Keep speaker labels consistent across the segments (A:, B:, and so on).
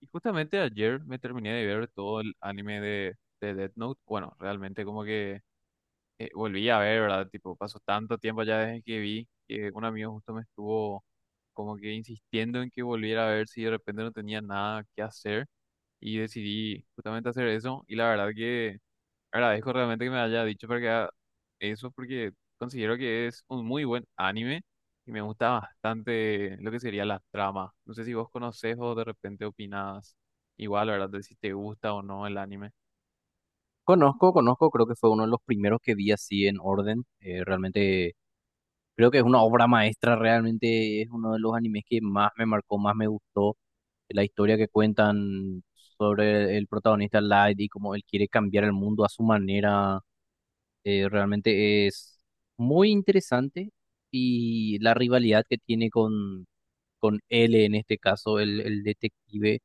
A: Y justamente ayer me terminé de ver todo el anime de Death Note. Bueno, realmente como que volví a ver, ¿verdad? Tipo, pasó tanto tiempo ya desde que vi que un amigo justo me estuvo como que insistiendo en que volviera a ver si de repente no tenía nada que hacer y decidí justamente hacer eso. Y la verdad que agradezco realmente que me haya dicho para que haga eso porque considero que es un muy buen anime y me gusta bastante lo que sería la trama. No sé si vos conocés o de repente opinas igual, ¿verdad? De si te gusta o no el anime.
B: Conozco, creo que fue uno de los primeros que vi así en orden. Realmente creo que es una obra maestra, realmente es uno de los animes que más me marcó, más me gustó. La historia que cuentan sobre el protagonista Light y cómo él quiere cambiar el mundo a su manera, realmente es muy interesante. Y la rivalidad que tiene con L, en este caso, el detective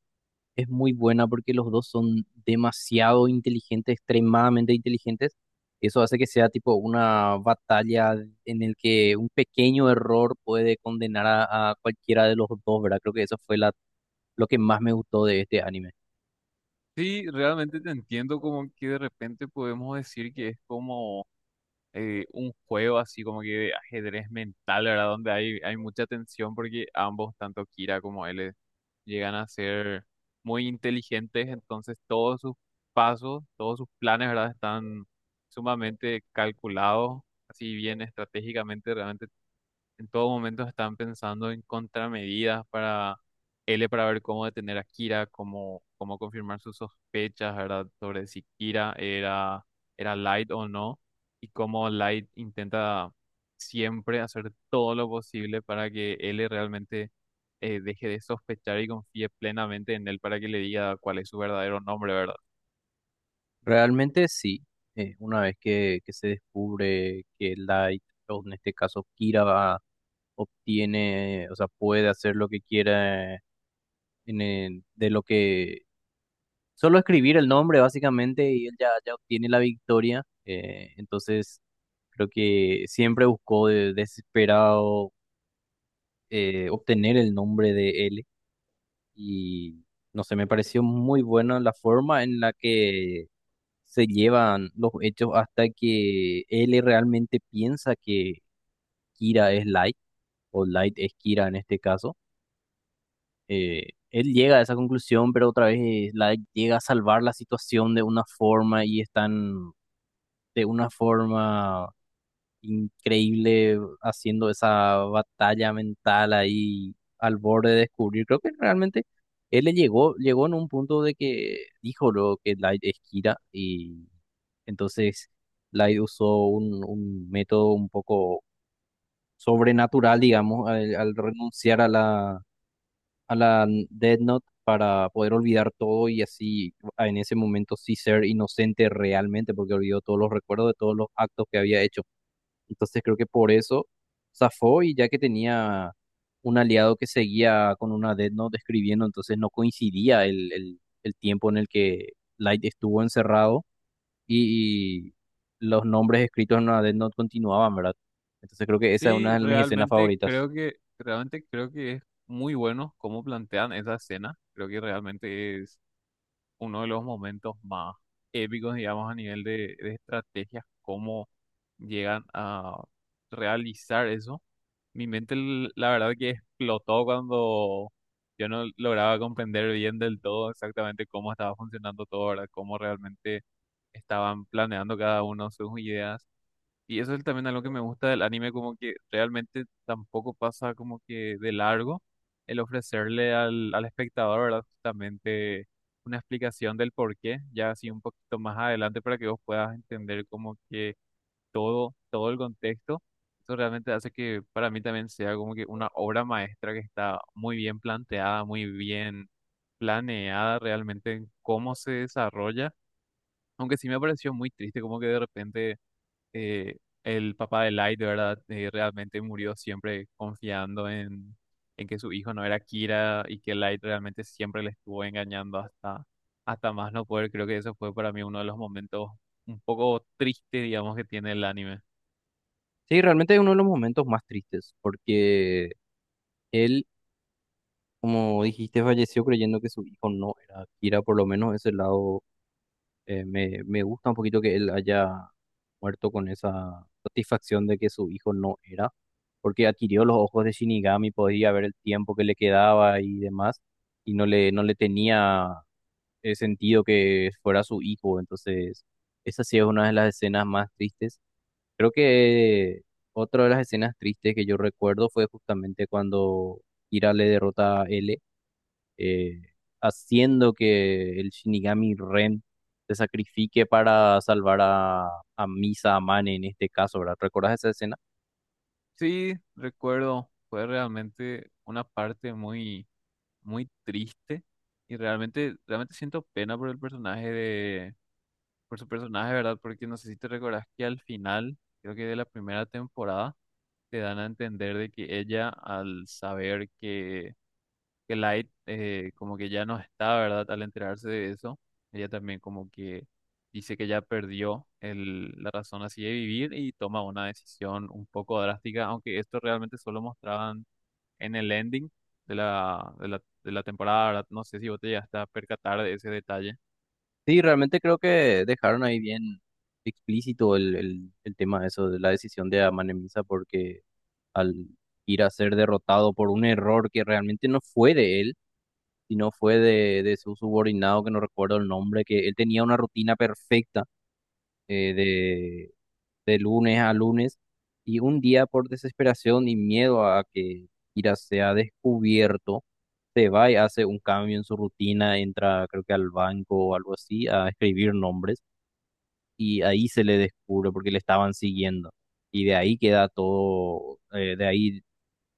B: es muy buena porque los dos son demasiado inteligentes, extremadamente inteligentes. Eso hace que sea tipo una batalla en el que un pequeño error puede condenar a cualquiera de los dos, ¿verdad? Creo que lo que más me gustó de este anime.
A: Sí, realmente te entiendo como que de repente podemos decir que es como un juego así como que de ajedrez mental, ¿verdad? Donde hay mucha tensión porque ambos, tanto Kira como él, llegan a ser muy inteligentes, entonces todos sus pasos, todos sus planes, ¿verdad? Están sumamente calculados, así bien estratégicamente, realmente en todo momento están pensando en contramedidas para L para ver cómo detener a Kira, cómo confirmar sus sospechas, ¿verdad? Sobre si Kira era Light o no, y cómo Light intenta siempre hacer todo lo posible para que L realmente deje de sospechar y confíe plenamente en él para que le diga cuál es su verdadero nombre, ¿verdad?
B: Realmente sí, una vez que se descubre que Light, o en este caso Kira, obtiene, o sea, puede hacer lo que quiera en el- de lo que Solo escribir el nombre básicamente y él ya obtiene la victoria. Entonces creo que siempre buscó desesperado obtener el nombre de él y no sé, me pareció muy buena la forma en la que se llevan los hechos hasta que él realmente piensa que Kira es Light o Light es Kira en este caso. Él llega a esa conclusión, pero otra vez Light llega a salvar la situación de una forma y están de una forma increíble haciendo esa batalla mental ahí al borde de descubrir. Creo que realmente llegó en un punto de que dijo lo que Light es Kira y entonces Light usó un método un poco sobrenatural, digamos, al renunciar a a la Death Note para poder olvidar todo y así en ese momento sí ser inocente realmente porque olvidó todos los recuerdos de todos los actos que había hecho. Entonces creo que por eso zafó y ya que tenía un aliado que seguía con una Death Note escribiendo, entonces no coincidía el tiempo en el que Light estuvo encerrado y los nombres escritos en una Death Note continuaban, ¿verdad? Entonces creo que esa es
A: Sí,
B: una de mis escenas
A: realmente
B: favoritas.
A: creo que, realmente creo que es muy bueno cómo plantean esa escena. Creo que realmente es uno de los momentos más épicos, digamos, a nivel de estrategias, cómo llegan a realizar eso. Mi mente, la verdad que explotó cuando yo no lograba comprender bien del todo exactamente cómo estaba funcionando todo, ¿verdad? Cómo realmente estaban planeando cada uno sus ideas. Y eso es también algo que me gusta del anime, como que realmente tampoco pasa como que de largo el ofrecerle al espectador, ¿verdad? Justamente una explicación del por qué, ya así un poquito más adelante para que vos puedas entender como que todo el contexto. Eso realmente hace que para mí también sea como que una obra maestra que está muy bien planteada, muy bien planeada realmente en cómo se desarrolla. Aunque sí me pareció muy triste como que de repente eh, el papá de Light, de verdad, realmente murió siempre confiando en que su hijo no era Kira y que Light realmente siempre le estuvo engañando hasta más no poder. Creo que eso fue para mí uno de los momentos un poco tristes, digamos, que tiene el anime.
B: Sí, realmente es uno de los momentos más tristes porque él, como dijiste, falleció creyendo que su hijo no era Kira, por lo menos ese lado me gusta un poquito que él haya muerto con esa satisfacción de que su hijo no era, porque adquirió los ojos de Shinigami, podía ver el tiempo que le quedaba y demás, y no le tenía sentido que fuera su hijo. Entonces, esa sí es una de las escenas más tristes. Creo que otra de las escenas tristes que yo recuerdo fue justamente cuando Kira le derrota a L eh, haciendo que el Shinigami Ren se sacrifique para salvar a Misa Amane en este caso, ¿verdad? ¿Recuerdas esa escena?
A: Sí, recuerdo, fue realmente una parte muy triste y realmente siento pena por el personaje de, por su personaje, ¿verdad? Porque no sé si te recordás que al final, creo que de la primera temporada, te dan a entender de que ella, al saber que Light como que ya no está, ¿verdad? Al enterarse de eso, ella también como que dice que ya perdió la razón así de vivir y toma una decisión un poco drástica, aunque esto realmente solo mostraban en el ending de la temporada, ¿verdad? No sé si vos te llegaste a percatar de ese detalle.
B: Sí, realmente creo que dejaron ahí bien explícito el tema de eso, de la decisión de Amane Misa, porque al ir a ser derrotado por un error que realmente no fue de él, sino fue de su subordinado, que no recuerdo el nombre, que él tenía una rutina perfecta eh, de lunes a lunes y un día por desesperación y miedo a que Kira sea descubierto, se va y hace un cambio en su rutina, entra creo que al banco o algo así a escribir nombres y ahí se le descubre porque le estaban siguiendo y de ahí queda todo, de ahí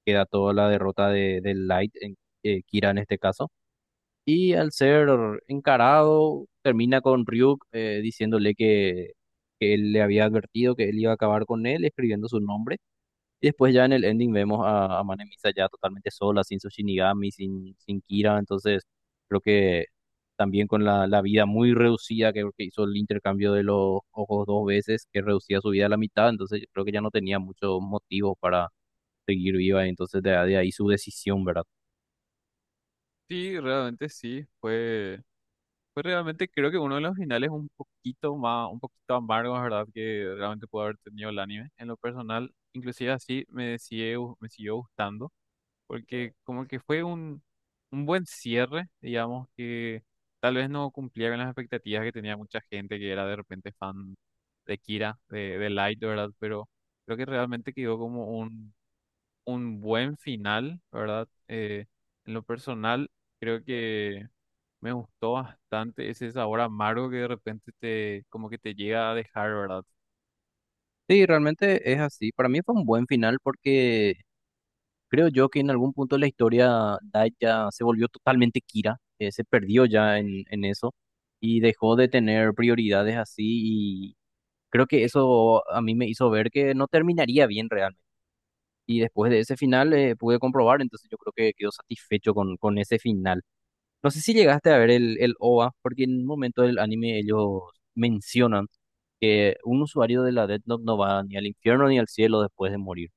B: queda toda la derrota de Light, Kira en este caso y al ser encarado, termina con Ryuk diciéndole que él le había advertido que él iba a acabar con él, escribiendo su nombre. Y después ya en el ending vemos a Mane Misa ya totalmente sola, sin su Shinigami, sin Kira. Entonces creo que también con la vida muy reducida, que hizo el intercambio de los ojos dos veces, que reducía su vida a la mitad. Entonces yo creo que ya no tenía muchos motivos para seguir viva. Entonces de ahí su decisión, ¿verdad?
A: Sí, realmente sí, fue... Pues realmente creo que uno de los finales un poquito más, un poquito amargos, ¿verdad? Que realmente pudo haber tenido el anime. En lo personal, inclusive así me siguió gustando, porque como que fue un buen cierre, digamos, que tal vez no cumplía con las expectativas que tenía mucha gente que era de repente fan de Kira, de Light, ¿verdad? Pero creo que realmente quedó como un buen final, ¿verdad? En lo personal, creo que... Me gustó bastante ese sabor amargo que de repente te, como que te llega a dejar, ¿verdad?
B: Sí, realmente es así. Para mí fue un buen final porque creo yo que en algún punto de la historia Dai ya se volvió totalmente Kira, se perdió ya en eso y dejó de tener prioridades así y creo que eso a mí me hizo ver que no terminaría bien realmente. Y después de ese final pude comprobar, entonces yo creo que quedó satisfecho con ese final. No sé si llegaste a ver el OVA, porque en un momento del anime ellos mencionan que un usuario de la Death Note no va ni al infierno ni al cielo después de morir.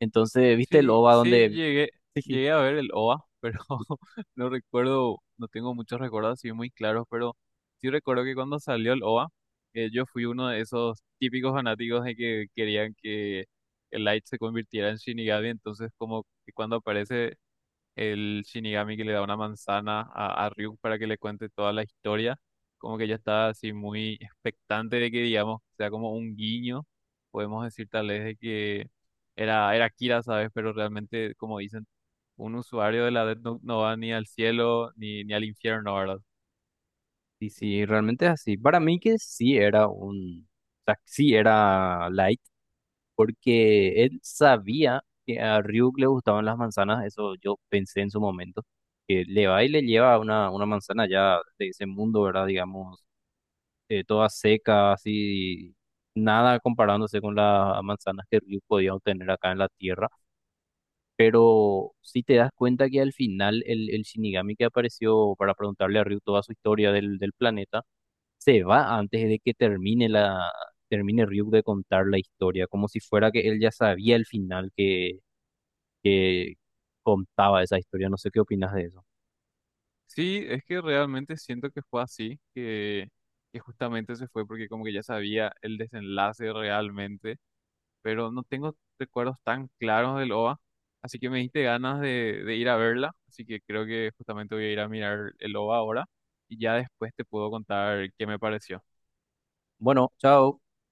B: Entonces, ¿viste el
A: Sí,
B: OVA
A: sí,
B: donde... Sí, sí,
A: llegué a ver el OVA, pero no recuerdo, no tengo muchos recuerdos así muy claros, pero sí recuerdo que cuando salió el OVA, yo fui uno de esos típicos fanáticos de que querían que el Light se convirtiera en Shinigami, entonces como que cuando aparece el Shinigami que le da una manzana a Ryuk para que le cuente toda la historia, como que ya está así muy expectante de que, digamos, sea como un guiño, podemos decir tal vez de que era Kira, ¿sabes? Pero realmente, como dicen, un usuario de la Death Note no va ni al cielo ni al infierno, ¿verdad?
B: sí, sí, realmente es así. Para mí que sí era un... O sea, sí era Light, porque él sabía que a Ryuk le gustaban las manzanas, eso yo pensé en su momento, que le va y le lleva una manzana ya de ese mundo, ¿verdad? Digamos, toda seca, así, nada comparándose con las manzanas que Ryu podía obtener acá en la tierra. Pero si te das cuenta que al final el Shinigami que apareció para preguntarle a Ryu toda su historia del planeta, se va antes de que termine Ryu de contar la historia, como si fuera que él ya sabía el final que contaba esa historia. No sé qué opinas de eso.
A: Sí, es que realmente siento que fue así, que justamente se fue porque como que ya sabía el desenlace realmente pero no tengo recuerdos tan claros del OVA, así que me diste ganas de ir a verla, así que creo que justamente voy a ir a mirar el OVA ahora y ya después te puedo contar qué me pareció.
B: Bueno, chao.